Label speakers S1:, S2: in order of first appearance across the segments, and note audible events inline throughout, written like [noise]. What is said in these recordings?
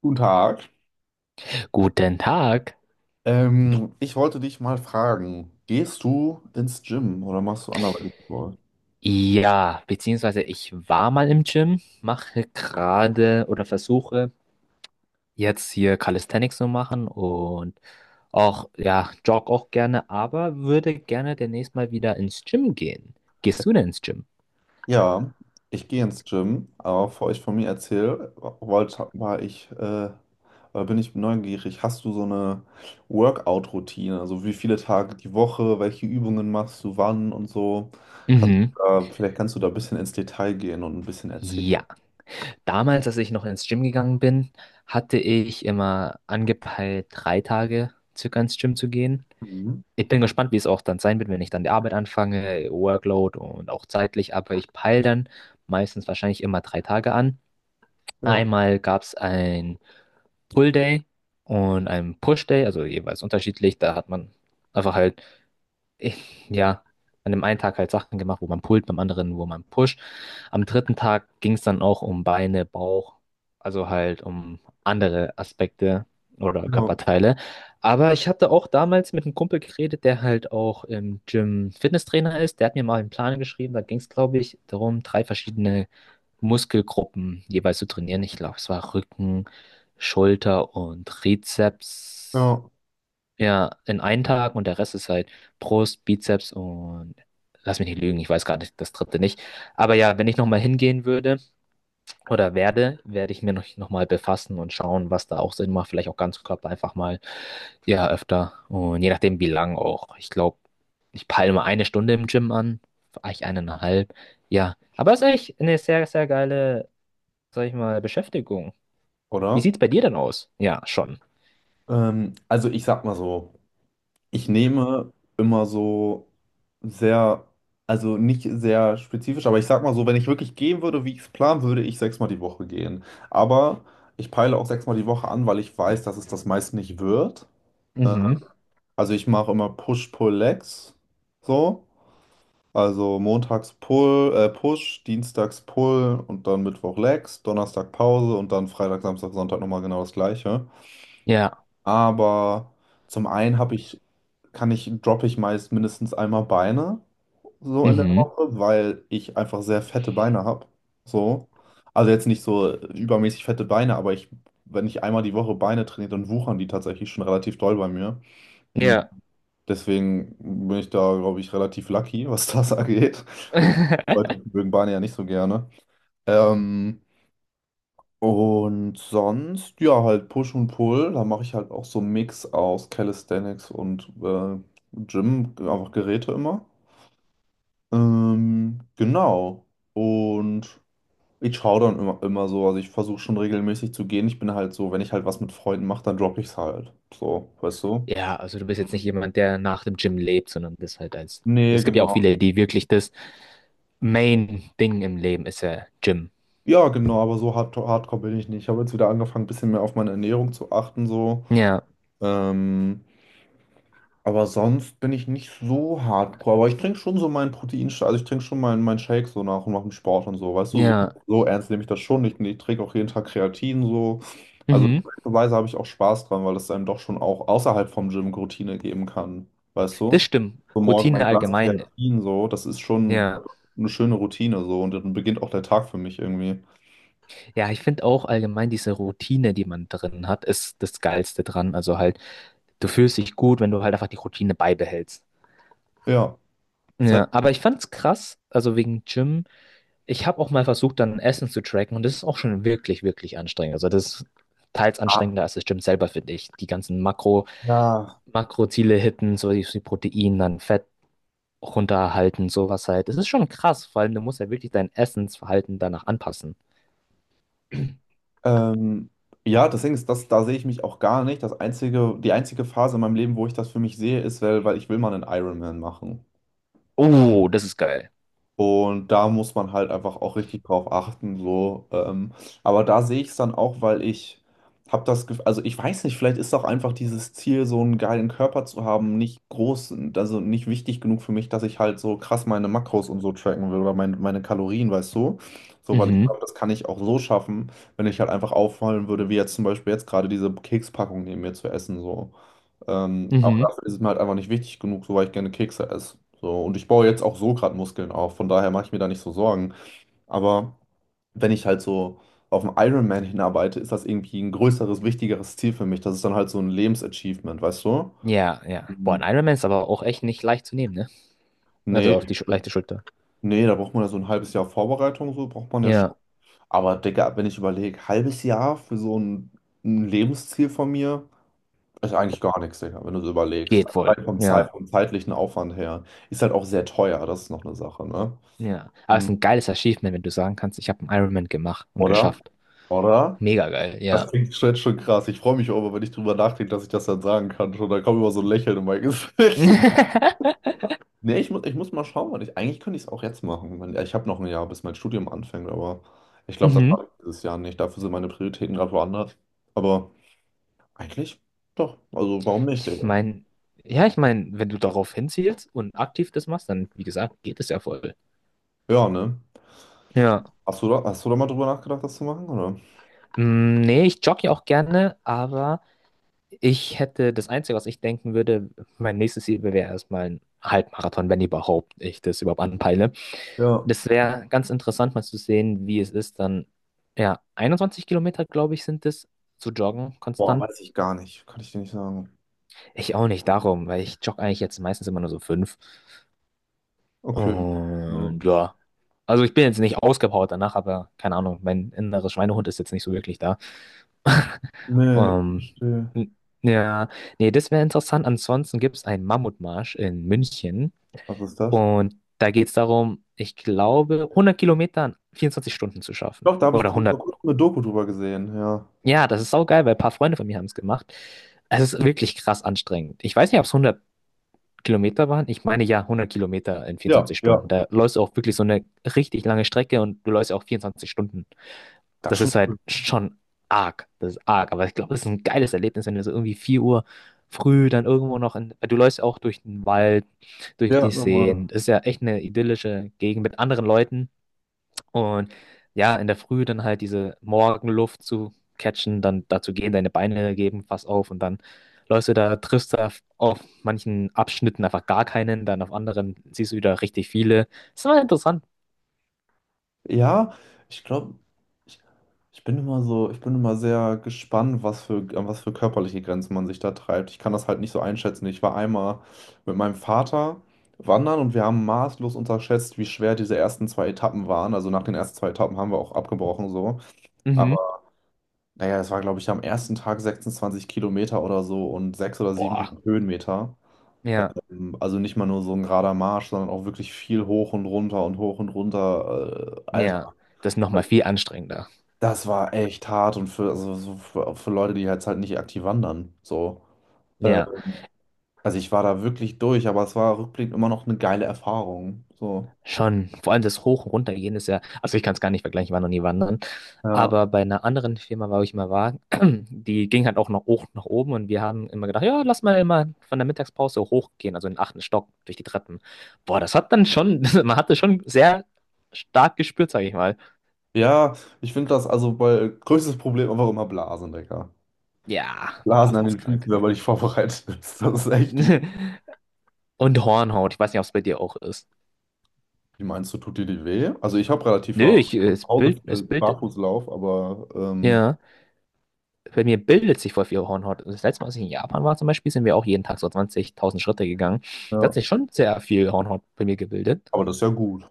S1: Guten Tag.
S2: Guten Tag.
S1: Ich wollte dich mal fragen, gehst du ins Gym oder machst du anderweitig Sport?
S2: Ja, beziehungsweise ich war mal im Gym, mache gerade oder versuche jetzt hier Calisthenics zu machen und auch, ja, jogge auch gerne, aber würde gerne demnächst mal wieder ins Gym gehen. Gehst du denn ins Gym?
S1: Ja, ich gehe ins Gym, aber bevor ich von mir erzähle, wollte, war ich, äh, oder bin ich neugierig, hast du so eine Workout-Routine? Also wie viele Tage die Woche, welche Übungen machst du wann und so?
S2: Mhm.
S1: Vielleicht kannst du da ein bisschen ins Detail gehen und ein bisschen
S2: Ja,
S1: erzählen.
S2: damals, als ich noch ins Gym gegangen bin, hatte ich immer angepeilt, drei Tage circa ins Gym zu gehen.
S1: Mhm.
S2: Ich bin gespannt, wie es auch dann sein wird, wenn ich dann die Arbeit anfange, Workload und auch zeitlich, aber ich peile dann meistens wahrscheinlich immer drei Tage an.
S1: Ja,
S2: Einmal gab es ein Pull Day und ein Push Day, also jeweils unterschiedlich. Da hat man einfach halt ich, ja, an dem einen Tag halt Sachen gemacht, wo man pullt, beim anderen, wo man pusht. Am dritten Tag ging es dann auch um Beine, Bauch, also halt um andere Aspekte oder
S1: ja,
S2: Körperteile. Aber ich hatte auch damals mit einem Kumpel geredet, der halt auch im Gym Fitnesstrainer ist. Der hat mir mal einen Plan geschrieben. Da ging es, glaube ich, darum, drei verschiedene Muskelgruppen jeweils zu trainieren. Ich glaube, es war Rücken, Schulter und Trizeps.
S1: ja.
S2: Ja, in einen Tag und der Rest ist halt Brust, Bizeps und lass mich nicht lügen, ich weiß gar nicht, das dritte nicht. Aber ja, wenn ich nochmal hingehen würde oder werde, werde ich mir noch mal befassen und schauen, was da auch Sinn macht. Vielleicht auch Ganzkörper einfach mal, ja, öfter. Und je nachdem, wie lang auch. Ich glaube, ich peile mal eine Stunde im Gym an, vielleicht eineinhalb. Ja, aber ist echt eine sehr, sehr geile, sag ich mal, Beschäftigung. Wie
S1: Oder?
S2: sieht's bei dir denn aus? Ja, schon.
S1: Also ich sag mal so. Ich nehme immer so sehr, also nicht sehr spezifisch, aber ich sag mal so, wenn ich wirklich gehen würde, wie ich es planen würde, ich sechsmal die Woche gehen. Aber ich peile auch sechsmal die Woche an, weil ich weiß, dass es das meist nicht wird. Äh,
S2: Mhm.
S1: Also ich mache immer Push-Pull-Legs. So. Also montags Pull, Push, dienstags Pull und dann Mittwoch Legs, Donnerstag Pause und dann Freitag, Samstag, Sonntag nochmal genau das gleiche.
S2: Ja.
S1: Aber zum einen habe ich, kann ich, droppe ich meist mindestens einmal Beine so in der
S2: Mhm.
S1: Woche, weil ich einfach sehr fette Beine habe. So. Also jetzt nicht so übermäßig fette Beine, aber ich, wenn ich einmal die Woche Beine trainiere, dann wuchern die tatsächlich schon relativ doll bei mir. Hm.
S2: Ja.
S1: Deswegen bin ich da, glaube ich, relativ lucky, was das [laughs] angeht. Weil die Leute
S2: [laughs]
S1: mögen Beine ja nicht so gerne. Ähm, und sonst, ja, halt Push und Pull, da mache ich halt auch so einen Mix aus Calisthenics und Gym, einfach Geräte immer. Genau. Und ich schaue dann immer, immer so, also ich versuche schon regelmäßig zu gehen. Ich bin halt so, wenn ich halt was mit Freunden mache, dann droppe ich es halt. So, weißt du?
S2: Ja, also du bist jetzt
S1: Mhm.
S2: nicht jemand, der nach dem Gym lebt, sondern das halt als.
S1: Nee,
S2: Es gibt ja auch
S1: genau.
S2: viele, die wirklich das Main-Ding im Leben ist ja Gym.
S1: Ja, genau, aber so hardcore bin ich nicht. Ich habe jetzt wieder angefangen, ein bisschen mehr auf meine Ernährung zu achten, so.
S2: Ja,
S1: Ähm, Aber sonst bin ich nicht so hardcore. Aber ich trinke schon so meinen Proteinshake, also ich trinke schon meinen Shake so nach und nach dem Sport und so. Weißt du, so,
S2: ja,
S1: so ernst nehme ich das schon nicht. Ich trinke auch jeden Tag Kreatin so. Also
S2: mhm,
S1: Weise habe ich auch Spaß dran, weil das einem doch schon auch außerhalb vom Gym Routine geben kann. Weißt
S2: das
S1: du?
S2: stimmt.
S1: So morgen
S2: Routine
S1: mein Glas
S2: allgemein.
S1: Kreatin so, das ist schon
S2: Ja,
S1: eine schöne Routine so und dann beginnt auch der Tag für mich irgendwie.
S2: ja, ich finde auch allgemein diese Routine, die man drin hat, ist das Geilste dran. Also halt, du fühlst dich gut, wenn du halt einfach die Routine beibehältst.
S1: Ja.
S2: Ja,
S1: Selbst-
S2: aber ich fand's krass, also wegen Gym. Ich habe auch mal versucht, dann Essen zu tracken und das ist auch schon wirklich, wirklich anstrengend. Also das ist teils
S1: Ah,
S2: anstrengender als das Gym selber, finde ich. Die ganzen
S1: ja.
S2: Makroziele hitten, so wie die Protein, dann Fett runterhalten, sowas halt. Das ist schon krass, vor allem du musst ja wirklich dein Essensverhalten danach anpassen.
S1: Ähm, ja, deswegen ist, das, da sehe ich mich auch gar nicht. Das einzige, die einzige Phase in meinem Leben, wo ich das für mich sehe, ist, weil, ich will mal einen Ironman machen.
S2: Oh, das ist geil.
S1: Und da muss man halt einfach auch richtig drauf achten, so. Aber da sehe ich es dann auch, weil ich habe das Gefühl, also ich weiß nicht, vielleicht ist auch einfach dieses Ziel, so einen geilen Körper zu haben, nicht groß, also nicht wichtig genug für mich, dass ich halt so krass meine Makros und so tracken will oder meine Kalorien, weißt du? So, weil ich
S2: Mhm,
S1: glaube, das kann ich auch so schaffen, wenn ich halt einfach auffallen würde, wie jetzt zum Beispiel jetzt gerade diese Kekspackung neben mir zu essen, so. Aber
S2: mhm.
S1: dafür ist es mir halt einfach nicht wichtig genug, so weil ich gerne Kekse esse. So, und ich baue jetzt auch so gerade Muskeln auf, von daher mache ich mir da nicht so Sorgen. Aber wenn ich halt so auf einen Ironman hinarbeite, ist das irgendwie ein größeres, wichtigeres Ziel für mich. Das ist dann halt so ein Lebensachievement, weißt du?
S2: Ja, ja. Boah,
S1: Mhm.
S2: ein Ironman ist aber auch echt nicht leicht zu nehmen, ne? Also auf
S1: Nee,
S2: die Schu leichte Schulter.
S1: nee, da braucht man ja so ein halbes Jahr Vorbereitung, so braucht man ja schon.
S2: Ja,
S1: Aber Digga, wenn ich überlege, halbes Jahr für so ein Lebensziel von mir. Ist eigentlich gar nichts, Digga, wenn du so überlegst.
S2: geht
S1: Also
S2: wohl.
S1: rein vom Zeit,
S2: Ja,
S1: vom zeitlichen Aufwand her. Ist halt auch sehr teuer, das ist noch eine Sache, ne?
S2: ja. Aber es
S1: Mhm.
S2: ist ein geiles Achievement, wenn du sagen kannst, ich habe einen Ironman gemacht und
S1: Oder?
S2: geschafft.
S1: Oder?
S2: Mega geil,
S1: Das
S2: ja.
S1: klingt schon, schon krass. Ich freue mich auch immer, wenn ich drüber nachdenke, dass ich das dann sagen kann. Schon, da kommt immer so ein Lächeln in mein Gesicht. [laughs]
S2: [laughs]
S1: Nee, ich muss mal schauen, weil ich, eigentlich könnte ich es auch jetzt machen. Ich habe noch ein Jahr, bis mein Studium anfängt, aber ich glaube, das mache
S2: Mhm.
S1: ich dieses Jahr nicht. Dafür sind meine Prioritäten gerade woanders. Aber eigentlich doch. Also warum nicht,
S2: Ich
S1: Digga?
S2: meine, ja, ich meine, wenn du darauf hinzielst und aktiv das machst, dann, wie gesagt, geht es ja voll.
S1: Ja, ne?
S2: Ja.
S1: Hast du da mal drüber nachgedacht, das zu machen, oder?
S2: Mm, nee, ich jogge ja auch gerne, aber ich hätte das Einzige, was ich denken würde, mein nächstes Ziel wäre erstmal ein Halbmarathon, wenn überhaupt ich das überhaupt anpeile.
S1: Ja.
S2: Das wäre ganz interessant, mal zu sehen, wie es ist, dann, ja, 21 Kilometer, glaube ich, sind es, zu joggen,
S1: Boah,
S2: konstant.
S1: weiß ich gar nicht. Kann ich dir nicht sagen.
S2: Ich auch nicht darum, weil ich jogge eigentlich jetzt meistens immer nur so fünf.
S1: Okay. Ja.
S2: Und ja. Also ich bin jetzt nicht ausgepowert danach, aber keine Ahnung, mein innerer Schweinehund ist jetzt nicht so wirklich da. [laughs]
S1: Nee,
S2: Ähm,
S1: ich verstehe.
S2: n- ja, nee, das wäre interessant. Ansonsten gibt es einen Mammutmarsch in München
S1: Was ist das?
S2: und da geht es darum, ich glaube, 100 Kilometer in 24 Stunden zu schaffen.
S1: Doch, da habe ich
S2: Oder
S1: vor
S2: 100.
S1: kurzem eine Doku drüber gesehen. Ja.
S2: Ja, das ist saugeil, weil ein paar Freunde von mir haben es gemacht. Es ist wirklich krass anstrengend. Ich weiß nicht, ob es 100 Kilometer waren? Ich meine ja 100 Kilometer in
S1: Ja,
S2: 24
S1: ja.
S2: Stunden. Da läufst du auch wirklich so eine richtig lange Strecke und du läufst ja auch 24 Stunden.
S1: Das ist
S2: Das
S1: schon
S2: ist halt
S1: cool.
S2: schon arg. Das ist arg. Aber ich glaube, das ist ein geiles Erlebnis, wenn du so irgendwie 4 Uhr früh dann irgendwo noch in, du läufst auch durch den Wald, durch
S1: Ja,
S2: die
S1: nochmal.
S2: Seen. Das ist ja echt eine idyllische Gegend mit anderen Leuten. Und ja, in der Früh dann halt diese Morgenluft zu catchen, dann dazu gehen, deine Beine geben fast auf und dann läufst du da, triffst da auf manchen Abschnitten einfach gar keinen, dann auf anderen siehst du wieder richtig viele. Das war interessant.
S1: Ja, ich glaube, ich, ich bin immer so, ich bin immer sehr gespannt, was für, an was für körperliche Grenzen man sich da treibt. Ich kann das halt nicht so einschätzen. Ich war einmal mit meinem Vater wandern und wir haben maßlos unterschätzt, wie schwer diese ersten zwei Etappen waren. Also nach den ersten zwei Etappen haben wir auch abgebrochen so.
S2: Mhm.
S1: Naja, es war, glaube ich, am ersten Tag 26 Kilometer oder so und sechs oder sieben
S2: Boah.
S1: Höhenmeter.
S2: Ja,
S1: Also nicht mal nur so ein gerader Marsch, sondern auch wirklich viel hoch und runter und hoch und runter. Alter,
S2: ja. Das ist nochmal viel anstrengender.
S1: das war echt hart und also so für, Leute, die jetzt halt nicht aktiv wandern. So. Äh,
S2: Ja,
S1: also ich war da wirklich durch, aber es war rückblickend immer noch eine geile Erfahrung. So.
S2: schon. Vor allem das Hoch- und Runtergehen ist ja, also ich kann es gar nicht vergleichen, ich war noch nie wandern.
S1: Ja.
S2: Aber bei einer anderen Firma, wo ich mal war, [clears throat] die ging halt auch noch hoch nach oben und wir haben immer gedacht, ja, lass mal immer von der Mittagspause hochgehen, also in den achten Stock durch die Treppen. Boah, das hat dann schon, [laughs] man hatte schon sehr stark gespürt, sage ich mal.
S1: Ja, ich finde das also bei größtes Problem einfach immer Blasen, Digga.
S2: Ja,
S1: Blasen an
S2: Blasen ist
S1: den Füßen,
S2: krank.
S1: wenn man nicht vorbereitet ist. Das ist echt.
S2: [laughs] Und Hornhaut, ich weiß nicht, ob es bei dir auch ist.
S1: Wie meinst du, tut dir die weh? Also ich habe relativ ja
S2: Nö,
S1: zu Hause
S2: es
S1: viel
S2: bildet,
S1: Barfußlauf, aber
S2: ja, bei mir bildet sich voll viel Hornhaut. Das letzte Mal, als ich in Japan war zum Beispiel, sind wir auch jeden Tag so 20.000 Schritte gegangen. Da hat
S1: ja.
S2: sich schon sehr viel Hornhaut bei mir gebildet.
S1: Aber das ist ja gut.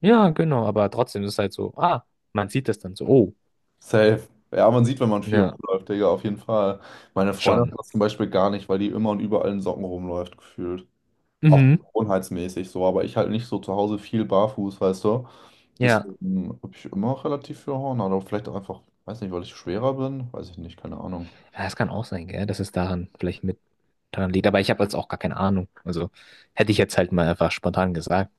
S2: Ja, genau, aber trotzdem ist es halt so, ah, man sieht das dann so, oh,
S1: Safe. Ja, man sieht, wenn man viel
S2: ne,
S1: rumläuft, Digga, auf jeden Fall. Meine Freundin
S2: schon.
S1: hat das zum Beispiel gar nicht, weil die immer und überall in Socken rumläuft, gefühlt. Auch
S2: Mhm.
S1: gewohnheitsmäßig so, aber ich halt nicht so zu Hause viel barfuß, weißt du.
S2: Ja.
S1: Deswegen habe ich immer relativ viel Horn, aber vielleicht auch einfach, weiß nicht, weil ich schwerer bin, weiß ich nicht, keine Ahnung.
S2: Ja, das kann auch sein, gell, dass es daran vielleicht mit daran liegt, aber ich habe jetzt auch gar keine Ahnung. Also hätte ich jetzt halt mal einfach spontan gesagt.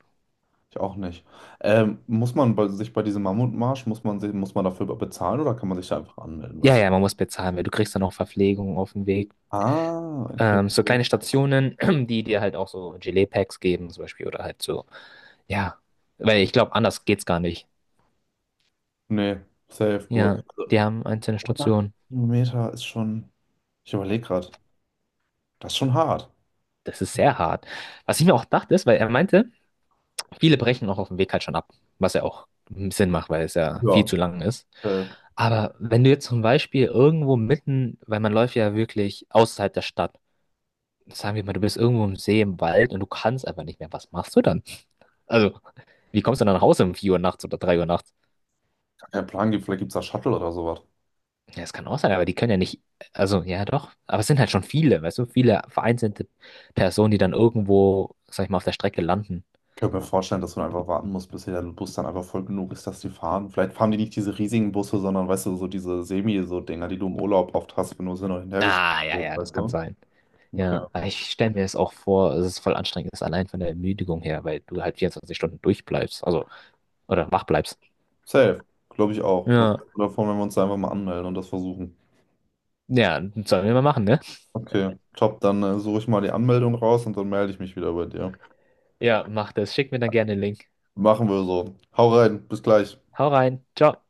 S1: Ich auch nicht. Muss man bei, sich bei diesem Mammutmarsch, muss man, sich, muss man dafür bezahlen oder kann man sich da einfach anmelden,
S2: Ja,
S1: weißt du?
S2: ja, man muss bezahlen, weil du kriegst dann auch Verpflegung auf dem Weg.
S1: Ah, okay,
S2: So
S1: okay.
S2: kleine Stationen, [clears throat] die dir halt auch so Gelee-Packs geben, zum Beispiel, oder halt so, ja, weil ich glaube, anders geht's gar nicht.
S1: Nee, safe, Bull.
S2: Ja,
S1: Also,
S2: die haben einzelne
S1: 100
S2: Stationen.
S1: Kilometer ist schon, ich überlege gerade, das ist schon hart.
S2: Das ist sehr hart. Was ich mir auch dachte, ist, weil er meinte, viele brechen auch auf dem Weg halt schon ab, was ja auch Sinn macht, weil es ja viel
S1: Ja.
S2: zu lang ist.
S1: Äh,
S2: Aber wenn du jetzt zum Beispiel irgendwo mitten, weil man läuft ja wirklich außerhalb der Stadt, sagen wir mal, du bist irgendwo im See, im Wald und du kannst einfach nicht mehr, was machst du dann? Also, wie kommst du dann nach Hause um 4 Uhr nachts oder 3 Uhr nachts?
S1: Gar keinen Plan gibt, vielleicht gibt es da Shuttle oder sowas.
S2: Ja, das kann auch sein, aber die können ja nicht, also ja doch, aber es sind halt schon viele, weißt du, viele vereinzelte Personen, die dann irgendwo, sag ich mal, auf der Strecke landen.
S1: Ich könnte mir vorstellen, dass man einfach warten muss, bis der Bus dann einfach voll genug ist, dass die fahren. Vielleicht fahren die nicht diese riesigen Busse, sondern, weißt du, so diese Semi-so-Dinger, die du im Urlaub oft hast, wenn du sie noch hinterhergeschickt
S2: Ah, ja,
S1: wirst,
S2: ja, das
S1: weißt
S2: kann
S1: du?
S2: sein.
S1: Okay.
S2: Ja, aber ich stelle mir es auch vor, es ist voll anstrengend, ist allein von der Ermüdung her, weil du halt 24 Stunden durchbleibst, also, oder wach bleibst.
S1: Safe, glaube ich auch. Was
S2: Ja,
S1: hältst du davon, wenn wir uns einfach mal anmelden und das versuchen?
S2: ja, sollen wir mal machen, ne?
S1: Okay, top, dann suche ich mal die Anmeldung raus und dann melde ich mich wieder bei dir.
S2: Ja, mach das. Schick mir dann gerne den Link.
S1: Machen wir so. Hau rein, bis gleich.
S2: Hau rein. Ciao.